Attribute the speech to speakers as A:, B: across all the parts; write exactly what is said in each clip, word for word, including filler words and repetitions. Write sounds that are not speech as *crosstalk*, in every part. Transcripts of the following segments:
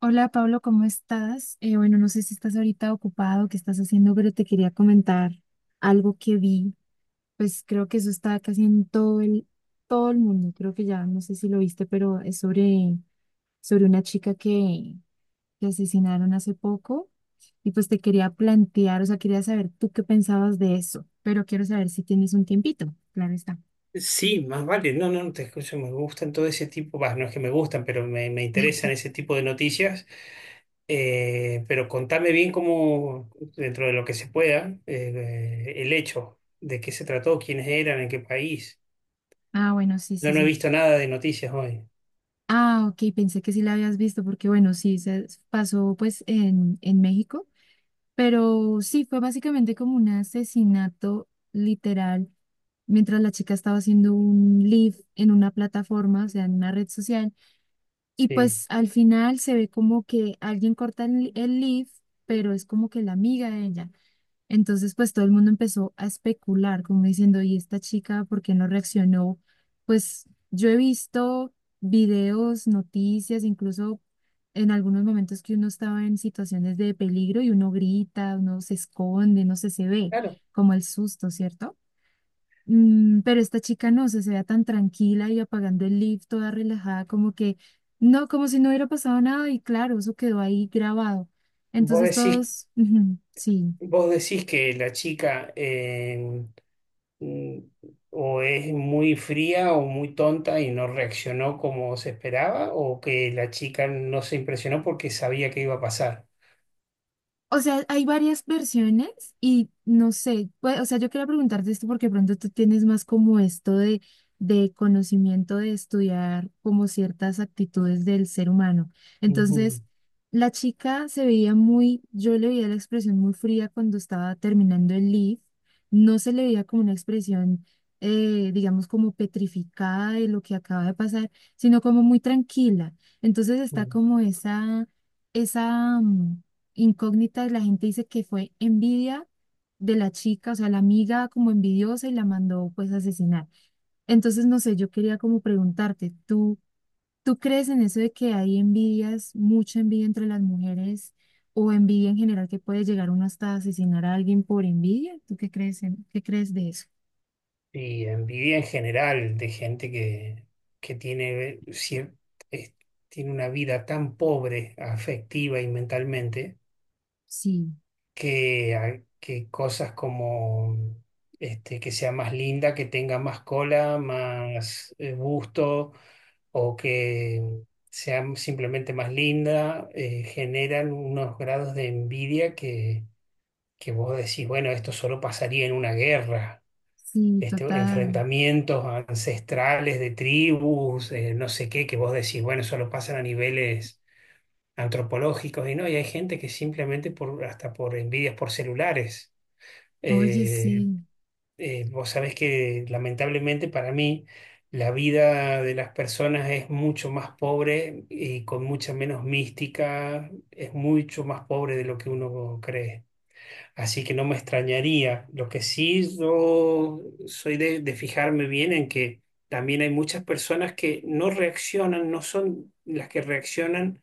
A: Hola Pablo, ¿cómo estás? Eh, bueno, no sé si estás ahorita ocupado, qué estás haciendo, pero te quería comentar algo que vi. Pues creo que eso está casi en todo el, todo el mundo. Creo que ya, no sé si lo viste, pero es sobre, sobre una chica que, que asesinaron hace poco. Y pues te quería plantear, o sea, quería saber tú qué pensabas de eso, pero quiero saber si tienes un tiempito. Claro está.
B: Sí, más vale, no, no, no te escucho, me gustan todo ese tipo, bah, no es que me gustan, pero me, me interesan ese tipo de noticias. Eh, pero contame bien cómo, dentro de lo que se pueda, eh, el hecho, de qué se trató, quiénes eran, en qué país.
A: Ah, bueno, sí,
B: Yo
A: sí,
B: no he
A: sí.
B: visto nada de noticias hoy.
A: Ah, ok, pensé que sí la habías visto, porque bueno, sí, se pasó pues en, en México. Pero sí, fue básicamente como un asesinato literal mientras la chica estaba haciendo un live en una plataforma, o sea, en una red social. Y
B: Sí,
A: pues al final se ve como que alguien corta el, el live, pero es como que la amiga de ella. Entonces, pues todo el mundo empezó a especular, como diciendo, ¿y esta chica por qué no reaccionó? Pues yo he visto videos, noticias, incluso en algunos momentos que uno estaba en situaciones de peligro y uno grita, uno se esconde, no sé, se ve
B: claro.
A: como el susto, ¿cierto? Mm, pero esta chica no, se se veía tan tranquila y apagando el lift, toda relajada, como que no, como si no hubiera pasado nada y claro, eso quedó ahí grabado.
B: Vos
A: Entonces
B: decís,
A: todos, *laughs* ujú, sí.
B: vos decís que la chica, eh, mm, o es muy fría o muy tonta y no reaccionó como se esperaba, o que la chica no se impresionó porque sabía que iba a pasar.
A: O sea, hay varias versiones y no sé, pues, o sea, yo quería preguntarte esto porque pronto tú tienes más como esto de, de conocimiento de estudiar como ciertas actitudes del ser humano.
B: Ujú,
A: Entonces, la chica se veía muy, yo le veía la expresión muy fría cuando estaba terminando el lead, no se le veía como una expresión, eh, digamos, como petrificada de lo que acaba de pasar, sino como muy tranquila. Entonces está
B: ujú.
A: como esa, esa... mm, incógnitas, la gente dice que fue envidia de la chica, o sea, la amiga como envidiosa y la mandó pues a asesinar. Entonces, no sé, yo quería como preguntarte, ¿tú, ¿tú crees en eso de que hay envidias, mucha envidia entre las mujeres o envidia en general que puede llegar uno hasta asesinar a alguien por envidia? ¿Tú qué crees en, qué crees de eso?
B: Y envidia en general de gente que, que tiene, cier- es- tiene una vida tan pobre afectiva y mentalmente,
A: Sí,
B: que, hay- que cosas como este, que sea más linda, que tenga más cola, más eh, busto, o que sea simplemente más linda, eh, generan unos grados de envidia que, que vos decís, bueno, esto solo pasaría en una guerra.
A: sí,
B: Este,
A: total.
B: enfrentamientos ancestrales de tribus, eh, no sé qué, que vos decís, bueno, solo pasan a niveles antropológicos. Y no, y hay gente que simplemente por, hasta por envidias por celulares
A: Oye,
B: eh,
A: sí,
B: eh, vos sabés que lamentablemente, para mí, la vida de las personas es mucho más pobre y con mucha menos mística, es mucho más pobre de lo que uno cree. Así que no me extrañaría. Lo que sí, yo soy de de fijarme bien en que también hay muchas personas que no reaccionan, no son las que reaccionan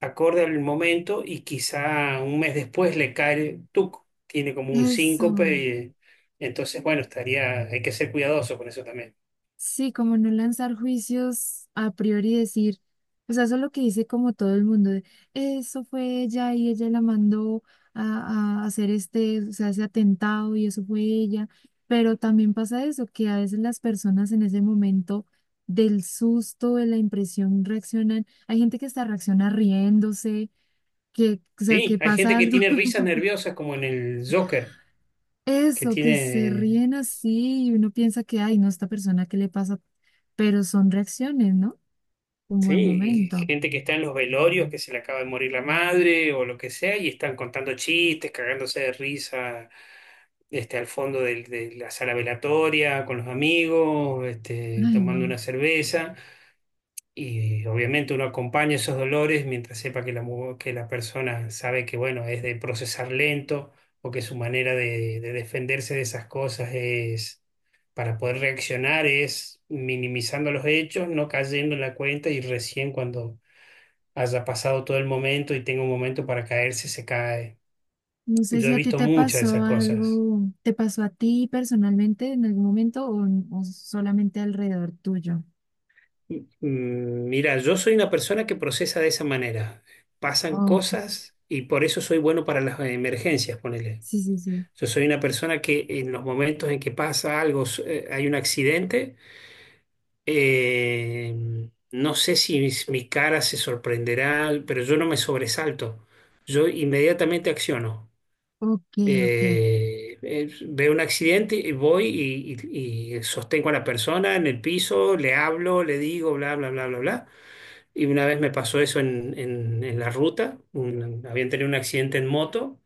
B: acorde al momento, y quizá un mes después le cae, el tuco, tiene como un síncope
A: eso.
B: y, eh, entonces, bueno, estaría, hay que ser cuidadoso con eso también.
A: Sí, como no lanzar juicios a priori y decir, o sea, eso es lo que dice como todo el mundo, de, eso fue ella y ella la mandó a, a hacer este, o sea, ese atentado y eso fue ella, pero también pasa eso, que a veces las personas en ese momento del susto, de la impresión, reaccionan, hay gente que hasta reacciona riéndose, que, o sea,
B: Sí,
A: que
B: hay gente
A: pasa
B: que
A: algo.
B: tiene
A: *laughs*
B: risas nerviosas, como en el Joker, que
A: Eso, que se
B: tiene,
A: ríen así y uno piensa que, ay, no, esta persona, ¿qué le pasa? Pero son reacciones, ¿no? Un
B: sí.
A: buen
B: Y
A: momento.
B: gente que está en los velorios, que se le acaba de morir la madre o lo que sea, y están contando chistes, cagándose de risa. Este, al fondo del- de la sala velatoria, con los amigos, este,
A: Ay,
B: tomando
A: no.
B: una cerveza. Y obviamente uno acompaña esos dolores mientras sepa que la, mu- que la persona sabe que, bueno, es de procesar lento, o que su manera de, de defenderse de esas cosas es, para poder reaccionar, es minimizando los hechos, no cayendo en la cuenta, y recién cuando haya pasado todo el momento y tenga un momento para caerse, se cae.
A: No sé
B: Yo
A: si
B: he
A: a ti
B: visto
A: te
B: muchas de
A: pasó
B: esas cosas.
A: algo, te pasó a ti personalmente en algún momento o, o solamente alrededor tuyo.
B: Mm, Mira, yo soy una persona que procesa de esa manera. Pasan
A: Ok,
B: cosas, y por eso soy bueno para las emergencias, ponele.
A: sí, sí, sí.
B: Yo soy una persona que en los momentos en que pasa algo, s- eh, hay un accidente, eh, no sé si mis- mi cara se sorprenderá, pero yo no me sobresalto. Yo inmediatamente acciono.
A: Ok, ok.
B: Eh, eh, veo un accidente y voy y, y- y sostengo a la persona en el piso, le hablo, le digo, bla, bla, bla, bla, bla. Y una vez me pasó eso en, en- en la ruta. Un- habían tenido un accidente en moto,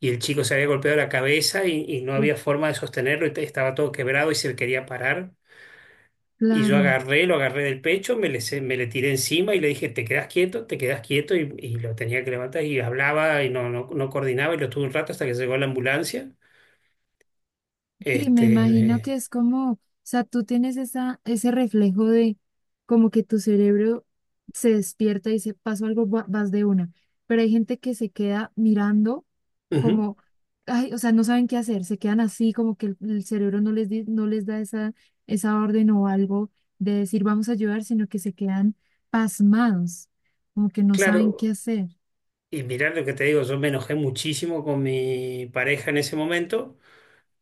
B: y el chico se había golpeado la cabeza y, y no
A: Uf,
B: había forma de sostenerlo, y te- estaba todo quebrado y se quería parar. Y yo
A: claro.
B: agarré, lo agarré del pecho, me le, se- me le tiré encima y le dije: te quedas quieto, te quedas quieto. Y, y lo tenía que levantar, y hablaba y no, no, no coordinaba, y lo tuve un rato hasta que llegó la ambulancia.
A: Sí, me
B: Este,
A: imagino que
B: eh,
A: es como, o sea, tú tienes esa, ese reflejo de como que tu cerebro se despierta y se pasó algo, va- vas de una. Pero hay gente que se queda mirando.
B: ujú.
A: Como, ay, o sea, no saben qué hacer, se quedan así, como que el, el cerebro no les, di- no les da esa, esa orden o algo de decir vamos a ayudar, sino que se quedan pasmados, como que no saben qué
B: Claro,
A: hacer.
B: y mirá lo que te digo, yo me enojé muchísimo con mi pareja en ese momento,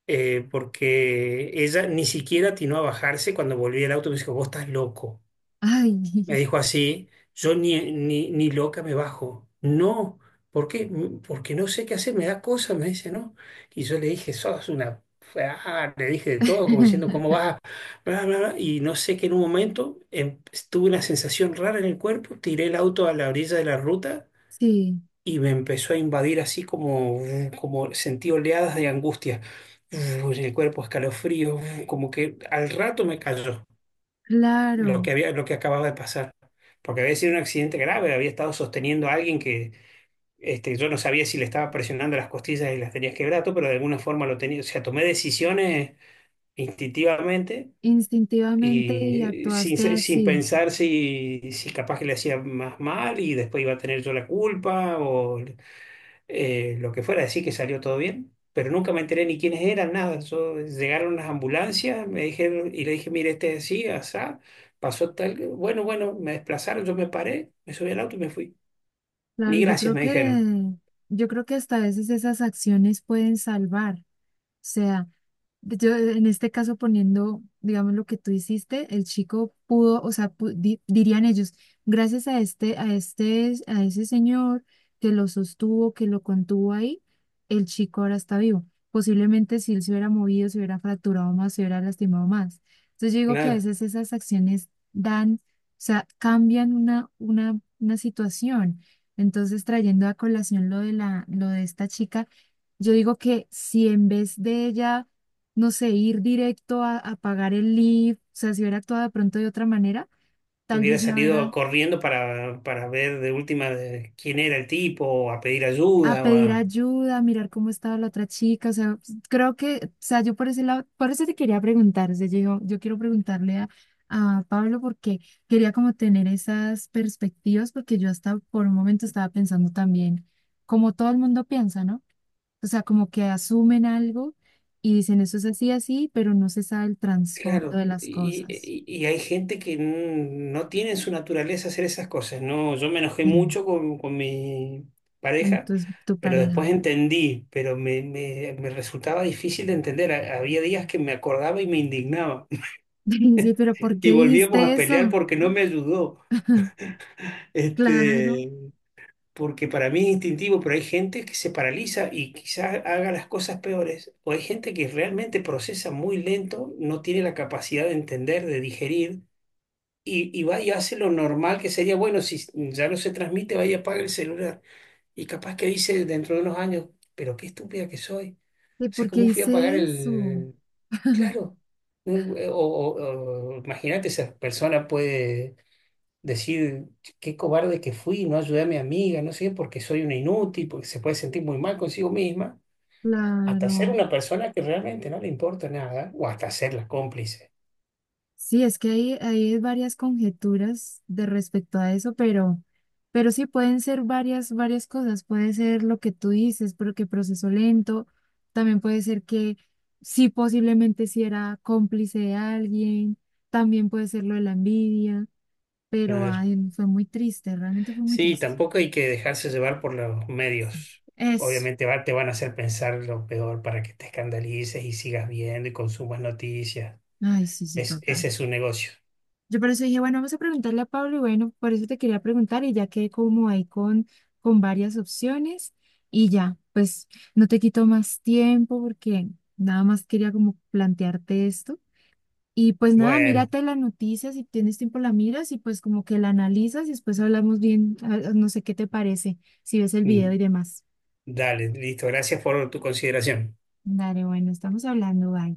B: eh, porque ella ni siquiera atinó a bajarse cuando volví al auto, y me dijo: vos estás loco.
A: Ay,
B: Me dijo así: yo ni, ni, ni loca me bajo. No. ¿Por qué? "Mm, Porque no sé qué hacer, me da cosa", me dice. ¿No? Y yo le dije, sos una... ah. Le dije de todo, como diciendo, ¿cómo
A: *laughs*
B: vas? Bla, bla, bla. Y no sé, que en un momento em, tuve una sensación rara en el cuerpo, tiré el auto a la orilla de la ruta,
A: sí,
B: y me empezó a invadir así como, como sentí oleadas de angustia. En el cuerpo, escalofrío, como que al rato me cayó lo que
A: claro,
B: había, lo que acababa de pasar, porque había sido un accidente grave, había estado sosteniendo a alguien que, este, yo no sabía si le estaba presionando las costillas y las tenía quebrado, pero de alguna forma lo tenía. O sea, tomé decisiones instintivamente,
A: instintivamente y
B: y eh, sin,
A: actuaste
B: se- sin
A: así.
B: pensar si, si capaz que le hacía más mal y después iba a tener yo la culpa, o eh, lo que fuera. Decir, que salió todo bien, pero nunca me enteré ni quiénes eran, nada. Yo- llegaron las ambulancias, me dijeron, y le dije: mire, este es así, asá, pasó tal. Bueno, bueno, me desplazaron, yo me paré, me subí al auto y me fui.
A: Claro,
B: Ni
A: yo
B: gracias
A: creo
B: me dijeron.
A: que, yo creo que hasta a veces esas acciones pueden salvar. Sea, yo en este caso poniendo, digamos, lo que tú hiciste, el chico pudo, o sea, pu- di- dirían ellos, gracias a este, a este, a ese señor que lo sostuvo, que lo contuvo ahí, el chico ahora está vivo. Posiblemente si él se hubiera movido, se hubiera fracturado más, se hubiera lastimado más. Entonces yo digo que a
B: Claro,
A: veces esas acciones dan, o sea, cambian una, una, una situación. Entonces, trayendo a colación lo de la, lo de esta chica yo digo que si en vez de ella, no sé, ir directo a, a pagar el lift, o sea, si hubiera actuado de pronto de otra manera, tal
B: hubiera
A: vez la
B: salido
A: hubiera
B: corriendo para, para ver de última de quién era el tipo, o a pedir
A: a pedir
B: ayuda.
A: ayuda, a mirar cómo estaba la otra chica, o sea, pues, creo que, o sea, yo por ese lado, por eso te quería preguntar, o sea, yo, digo, yo quiero preguntarle a, a Pablo porque quería como tener esas perspectivas, porque yo hasta por un momento estaba pensando también, como todo el mundo piensa, ¿no? O sea, como que asumen algo y dicen eso es así, así, pero no se sabe el trasfondo
B: Claro,
A: de las
B: y,
A: cosas.
B: y- y hay gente que n- no tiene en su naturaleza hacer esas cosas. No, yo me enojé
A: Y
B: mucho con, con mi pareja,
A: entonces tu tu
B: pero después
A: pareja.
B: entendí, pero me, me- me resultaba difícil de entender. Ha- Había días que me acordaba y me indignaba. *laughs*
A: *laughs* Sí, pero ¿por
B: Y
A: qué
B: volvíamos
A: dijiste
B: a pelear
A: eso?
B: porque no me ayudó.
A: *laughs* Claro,
B: Este, porque para mí es instintivo, pero hay gente que se paraliza y quizás haga las cosas peores. O hay gente que realmente procesa muy lento, no tiene la capacidad de entender, de digerir, y y va y hace lo normal, que sería, bueno, si ya no se transmite, vaya y apaga el celular. Y capaz que dice, dentro de unos años, pero qué estúpida que soy. O
A: ¿de
B: sea,
A: por qué
B: ¿cómo fui a apagar
A: hice eso?
B: el...? Claro. No, eh, O, o- o imagínate, esa persona puede decir, qué cobarde que fui, no ayudé a mi amiga, no sé, porque soy una inútil, porque se puede sentir muy mal consigo misma, hasta ser
A: Claro.
B: una persona que realmente no le importa nada, o hasta ser la cómplice.
A: Sí, es que hay, hay varias conjeturas de respecto a eso, pero, pero sí pueden ser varias, varias cosas. Puede ser lo que tú dices, pero que proceso lento. También puede ser que sí, posiblemente si era cómplice de alguien. También puede ser lo de la envidia, pero ay, fue muy triste, realmente fue muy
B: Sí,
A: triste.
B: tampoco hay que dejarse llevar por los
A: Sí.
B: medios.
A: Eso.
B: Obviamente va- te van a hacer pensar lo peor para que te escandalices y sigas viendo y consumas noticias.
A: Ay, sí, sí,
B: Es, ese
A: total.
B: es su negocio.
A: Yo por eso dije, bueno, vamos a preguntarle a Pablo y bueno, por eso te quería preguntar y ya quedé como ahí con, con varias opciones y ya, pues no te quito más tiempo porque nada más quería como plantearte esto. Y pues nada,
B: Bueno,
A: mírate la noticia, si tienes tiempo la miras y pues como que la analizas y después hablamos bien, ah, ah, no sé qué te parece, si ves el
B: mm,
A: video y demás.
B: dale, listo. Gracias por tu consideración.
A: Dale, bueno, estamos hablando, bye.